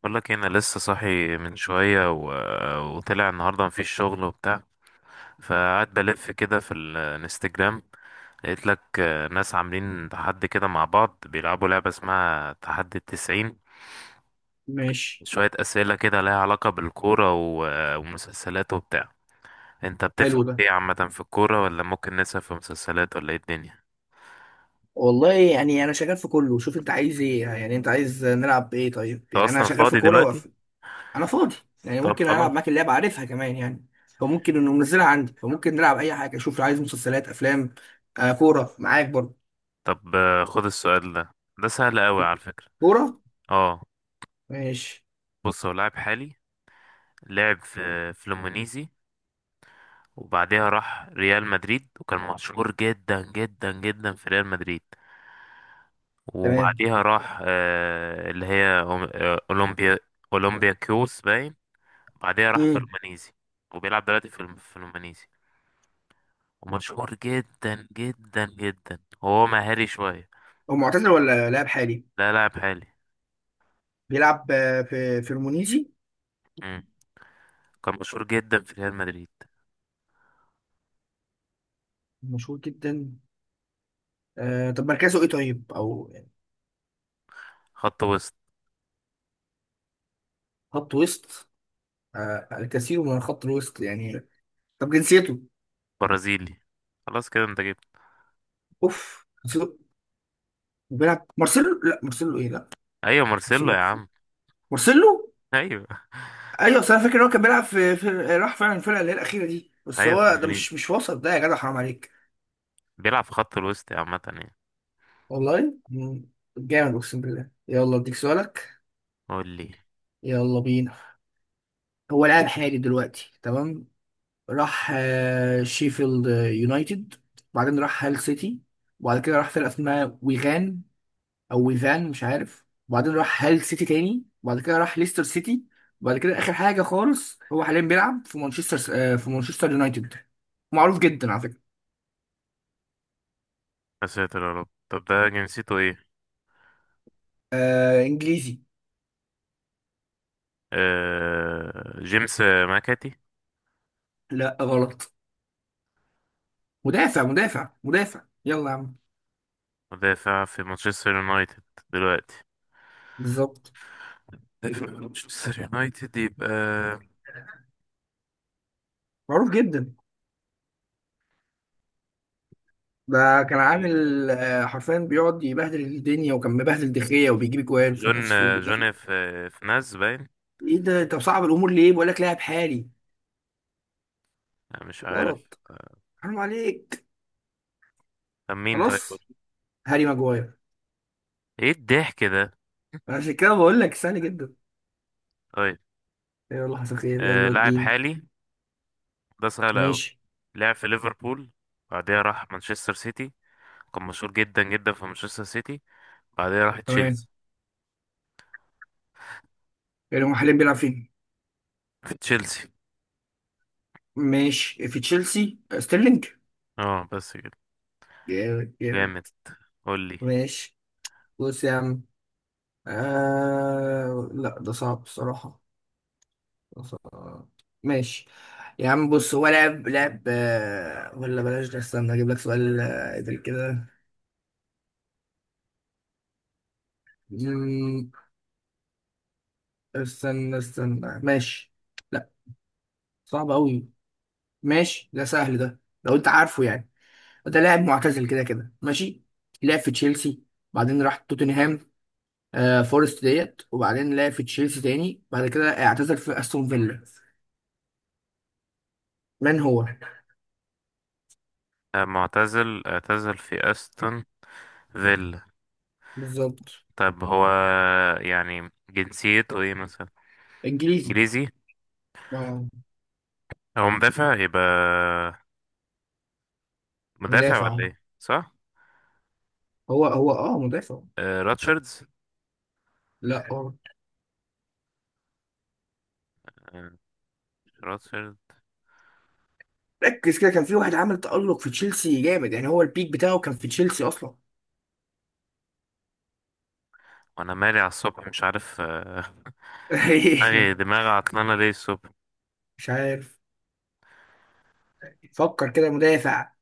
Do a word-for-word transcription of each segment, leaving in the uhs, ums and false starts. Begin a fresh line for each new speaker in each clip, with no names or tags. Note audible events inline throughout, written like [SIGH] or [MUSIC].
بقول لك إيه، انا لسه صاحي من شويه و... وطلع النهارده مفيش شغل وبتاع. فقعدت بلف كده في الانستجرام. لقيت لك آه، ناس عاملين تحدي كده مع بعض بيلعبوا لعبه اسمها تحدي التسعين.
ماشي.
شويه اسئله كده لها علاقه بالكوره و... ومسلسلات وبتاع. انت بتفهم
حلو ده.
ايه عامه في الكوره، ولا ممكن نسأل في مسلسلات، ولا ايه الدنيا؟
والله يعني انا شغال في كله، شوف انت عايز ايه، يعني انت عايز نلعب بايه؟ طيب
انت
يعني انا
اصلا
شغال في
فاضي
كوره
دلوقتي؟
وقف. انا فاضي، يعني
طب
ممكن
خلاص.
العب معاك اللعبه، عارفها كمان يعني، فممكن انه منزلها عندي، فممكن نلعب اي حاجه. شوف لو عايز مسلسلات افلام. آه كوره معاك برضه.
طب آه، خد السؤال ده، ده سهل قوي على فكره.
كوره.
اه.
ماشي.
بص هو لاعب حالي. لعب في فلومينيزي، وبعدها راح ريال مدريد، وكان مشهور جدا جدا جدا في ريال مدريد.
تمام.
وبعدها راح آه، اللي هي أم- آه، أولمبيا. أولمبيا كيوس باين. بعدها راح
امم.
فلومينيزي. وبيلعب دلوقتي في الم- في فلومينيزي. ومشهور جدا جدا جدا، هو مهاري شوية.
هو معتزل ولا لاعب حالي؟
لا، لاعب حالي.
بيلعب آه، في في المونيزي.
مم. كان مشهور جدا في ريال مدريد.
مشهور جدا. آه طب مركزه ايه طيب او يعني؟
خط وسط.
خط وسط. آه الكثير من خط الوسط يعني. طب جنسيته؟
برازيلي. خلاص كده انت جبت.
اوف جنسيته. بيلعب مارسيلو، لا مارسيلو، ايه لا؟
ايوه
مارسيلو
مارسيلو يا
إيه؟
عم.
مارسيلو.
ايوه.
ايوه بس انا فاكر ان هو كان بيلعب في, في راح فعلا الفرقه اللي هي الاخيره دي، بس
ايوه
هو ده مش
فلومينيزي.
مش وسط ده يا جدع، حرام عليك.
بيلعب في خط الوسط عامة يعني.
والله مم، جامد، اقسم بالله. يلا اديك سؤالك.
قول لي.
يلا بينا. هو لاعب حالي دلوقتي، تمام. راح آه، شيفيلد يونايتد، وبعدين راح هال سيتي، وبعد كده راح فرقه اسمها ويغان او ويفان مش عارف، وبعدين راح هال سيتي تاني، وبعد كده راح ليستر سيتي، وبعد كده اخر حاجه خالص هو حاليا بيلعب في مانشستر، آه، في مانشستر يونايتد. معروف جدا على فكره.
يا ساتر يا رب، طب ده جنسيته ايه؟
آه انجليزي.
آه... جيمس ماكاتي.
لا غلط. مدافع مدافع مدافع يلا يا عم.
مدافع في مانشستر يونايتد دلوقتي.
بالظبط.
[LAUGHS] مدافع في مانشستر يونايتد يبقى.
معروف جدا ده. كان عامل آه، حرفيا بيقعد يبهدل الدنيا، وكان مبهدل دخية وبيجيب جوان في
جون
نفسه وبيدافع.
جون في في ناز باين.
ايه ده، انت مصعب الامور ليه؟ بقول لك لاعب حالي.
لا، مش
غلط.
عارف آه،
حرام عليك.
طب مين طيب قول.
خلاص. هاري ماجواير.
ايه الضحك ده.
عشان كده بقول لك سهل جدا.
طيب.
يلا حصل خير،
آه...
يلا
لاعب
الدين.
حالي. ده سهل أوي.
ماشي.
لعب في ليفربول. بعدها راح مانشستر سيتي. كان مشهور جدا جدا في مانشستر سيتي. بعدها راح
تمام.
تشيلسي.
يعني هم حاليا بيلعب فين؟
في تشيلسي.
ماشي، في تشيلسي، ستيرلينج.
اه بس كده.
جامد جامد.
جامد. قولي.
ماشي. بص يا عم، آه... لا ده صعب الصراحة. ده صعب. ماشي. يا عم بص، هو لعب لعب آه، ولا بلاش ده، استنى اجيب لك سؤال آه، قبل كده. مم، استنى استنى ماشي. لا صعب قوي. ماشي ده سهل، ده لو انت عارفه يعني. ده لاعب معتزل كده كده، ماشي. لعب في تشيلسي، بعدين راح توتنهام، آه فورست ديت، وبعدين لعب في تشيلسي تاني، بعد كده اعتزل في استون فيلا. من هو؟
آه، معتزل، اعتزل في استون فيلا.
بالظبط.
طب هو يعني جنسيته ايه مثلا؟
انجليزي.
انجليزي.
اه.
هو مدافع يبقى. مدافع ولا
مدافع،
ايه، صح؟
هو هو اه مدافع.
آه راتشاردز.
لا اه.
آه مش راتشارد.
ركز كده، كان في واحد عمل تألق في تشيلسي جامد، يعني هو البيك بتاعه كان في تشيلسي اصلا.
وانا مالي على الصبح، مش عارف آه، دماغي
[LAUGHS]
دماغي عطلانه ليه الصبح.
مش عارف. فكر كده، مدافع،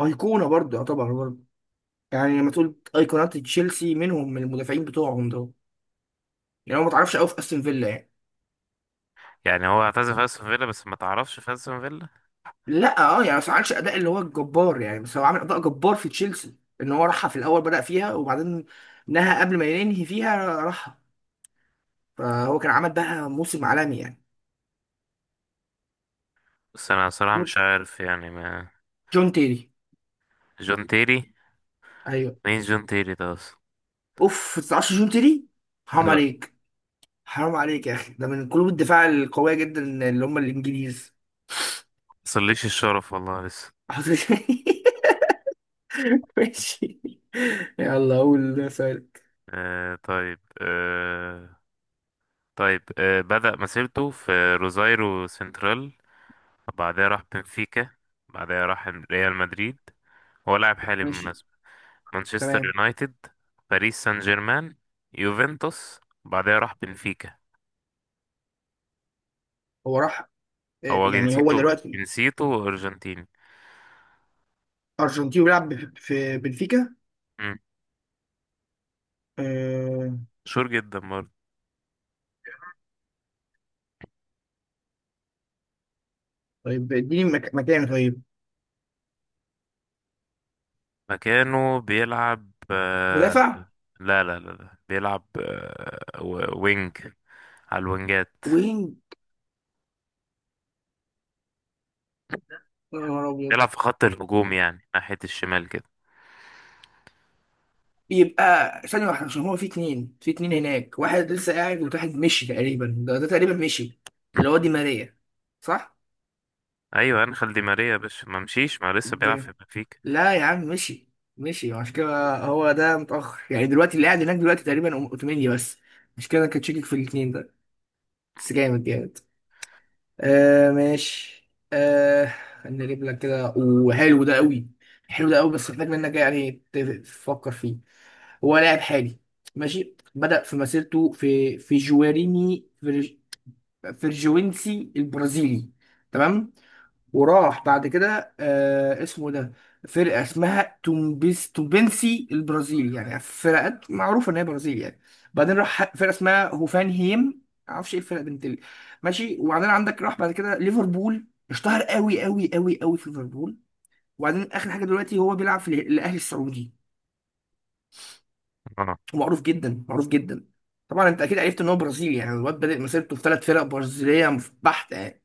ايقونة برضه يعتبر برضه. يعني لما تقول ايقونات تشيلسي منهم، من المدافعين بتوعهم دول. يعني هو ما تعرفش قوي في استون فيلا يعني.
يعني هو اعتزل في استون فيلا، بس ما تعرفش في استون فيلا؟
لا اه يعني، بس ما عملش اداء اللي هو الجبار يعني، بس هو عامل اداء جبار في تشيلسي، ان هو راحها في الاول بدأ فيها وبعدين نهى، قبل ما ينهي فيها راحها، فهو كان عمل بقى موسم عالمي يعني.
بس انا صراحه
موت-
مش عارف يعني ما.
جون تيري.
جون تيري.
ايوه.
مين جون تيري ده اصلا؟
اوف ما تعرفش جون تيري، حرام
لا.
عليك. حرام عليك يا اخي، ده من قلوب الدفاع القويه جدا، اللي هم الانجليز.
مصليش الشرف والله لسه.
حاضر. [LAUGHS] ماشي. يلا قول سؤالك.
آه طيب، آه طيب، آه بدأ مسيرته في روزايرو سنترال. بعدها راح بنفيكا. بعدها راح ريال مدريد. هو لاعب حالي
ماشي.
بالمناسبة. مانشستر
تمام.
يونايتد. باريس سان جيرمان. يوفنتوس. بعدها راح بنفيكا.
هو راح آه،
هو
يعني هو
جنسيته
دلوقتي.
جنسيته أرجنتيني.
أرجنتيني بيلعب بف- في بنفيكا.
مم.
آه
مشهور جدا برضه.
طيب اديني مك- مكان طيب.
مكانه بيلعب آه
مدافع.
لا لا لا لا، بيلعب آه و- وينج. على الوينجات.
وينج. يا نهار أبيض.
بيلعب في خط الهجوم يعني ناحية الشمال كده.
يبقى ثانية واحدة، عشان هو في اتنين في اتنين هناك، واحد لسه قاعد وواحد مشي تقريبا، ده, ده تقريبا مشي اللي هو دي ماريا، صح؟
أيوة أنخيل دي ماريا يا باشا، ما مشيش، ما لسه بيلعب في
جامد.
بنفيكا.
لا يا عم مشي. مشي، عشان كده هو ده متأخر يعني، دلوقتي اللي قاعد هناك دلوقتي تقريبا أوتوميني بس. مش كده، أنا كنت شاكك في الاتنين ده. بس جامد جامد. آه ماشي آه. خليني اجيب لك كده، وحلو ده قوي. حلو ده قوي، بس محتاج منك إيه يعني، ت- تفكر فيه. هو لاعب حالي، ماشي. بدأ في مسيرته في في جواريني فيرج- فيرجوينسي البرازيلي، تمام. وراح بعد كده آه اسمه إيه ده، فرقة اسمها تومبيس تومبنسي البرازيل، يعني فرقات معروفة ان هي برازيل يعني. بعدين راح فرقة اسمها هوفان هيم، معرفش ايه الفرقة بنت ال- ماشي. وبعدين عندك راح بعد كده ليفربول، اشتهر قوي قوي قوي قوي في ليفربول. وبعدين اخر حاجة دلوقتي هو بيلعب في ال- الاهلي السعودي.
اه.
معروف جدا معروف جدا. طبعا انت اكيد عرفت ان هو برازيلي، يعني الواد بادئ مسيرته في ثلاث فرق برازيلية بحتة يعني.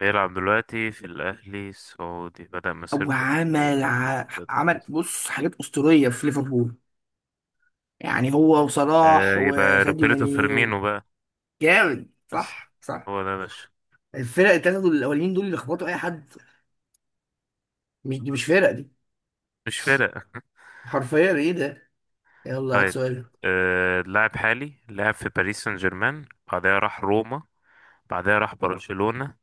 بيلعب دلوقتي في الأهلي السعودي. بدأ مسيرته في- الأهلي
وعمل ع-
السعودي.
عمل بص حاجات اسطوريه في ليفربول. يعني هو
آه
وصلاح
يبقى
وساديو
روبرتو
ماني و-.
فيرمينو بقى.
جامد
بس
صح صح.
هو ده يا باشا.
الفرق التلاتة دول الأولين دول اللي خبطوا أي حد، مش دي، مش فرق دي.
مش فرق.
حرفيا إيه ده. يلا هات
طيب
سؤال.
آه لاعب حالي. لعب في باريس سان جيرمان. بعدها راح روما. بعدها راح برشلونة.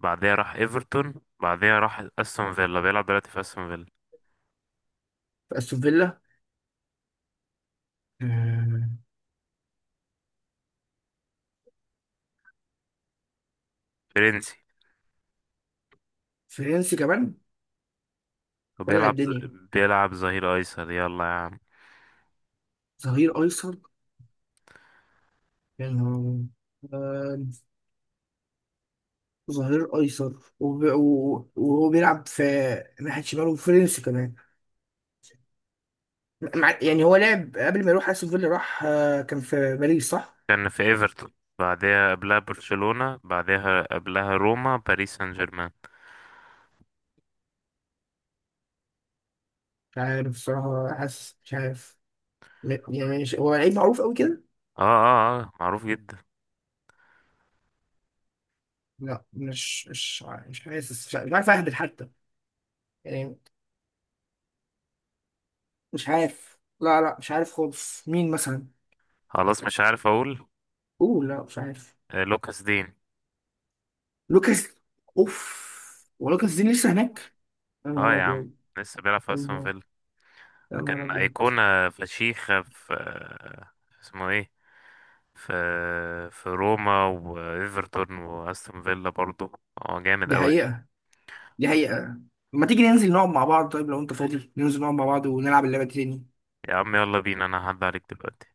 بعدها راح ايفرتون. بعدها راح استون فيلا، بيلعب دلوقتي في استون فيلا.
أستون فيلا، آه،
فرنسي.
فرنسي كمان. ولع
وبيلعب ز-
الدنيا.
بيلعب ظهير ايسر يلا يا عم.
ظهير أيسر. يعني هو، آه، ظهير أيسر، وب- و- وهو بيلعب في ناحية شمال، وفرنسي كمان. مع- يعني هو لعب قبل ما يروح أستون فيلا، راح آه، كان في باريس صح؟
كان في ايفرتون، بعدها قبلها برشلونة، بعدها قبلها روما، باريس سان جيرمان.
مش عارف الصراحة، حاسس مش عارف. م- يعني مش هو لعيب معروف قوي كده؟
اه، اه، اه، معروف جدا.
لا مش مش ع- مش حاسس، مش ع- مش عارف اهبط حتى يعني. مش عارف، لا لا مش عارف خالص، مين مثلا.
خلاص مش عارف اقول.
اوه لا مش عارف.
آه لوكاس دين.
لوكاس. اوف. ولوكاس دين لسه هناك؟ يا
اه
نهار
يا عم.
ابيض.
لسه بيلعب في
يا
استون
نهار،
فيلا.
يا
كان
نهار ابيض.
ايقونة فشيخة في، آه، اسمه ايه، في في روما وايفرتون واستون فيلا برضه. هو جامد
دي
قوي.
حقيقة. دي حقيقة. ما تيجي ننزل نقعد مع بعض، طيب لو انت فاضي ننزل نقعد مع بعض ونلعب اللعبة دي تاني.
يا عم يلا بينا، انا هعدي عليك دلوقتي.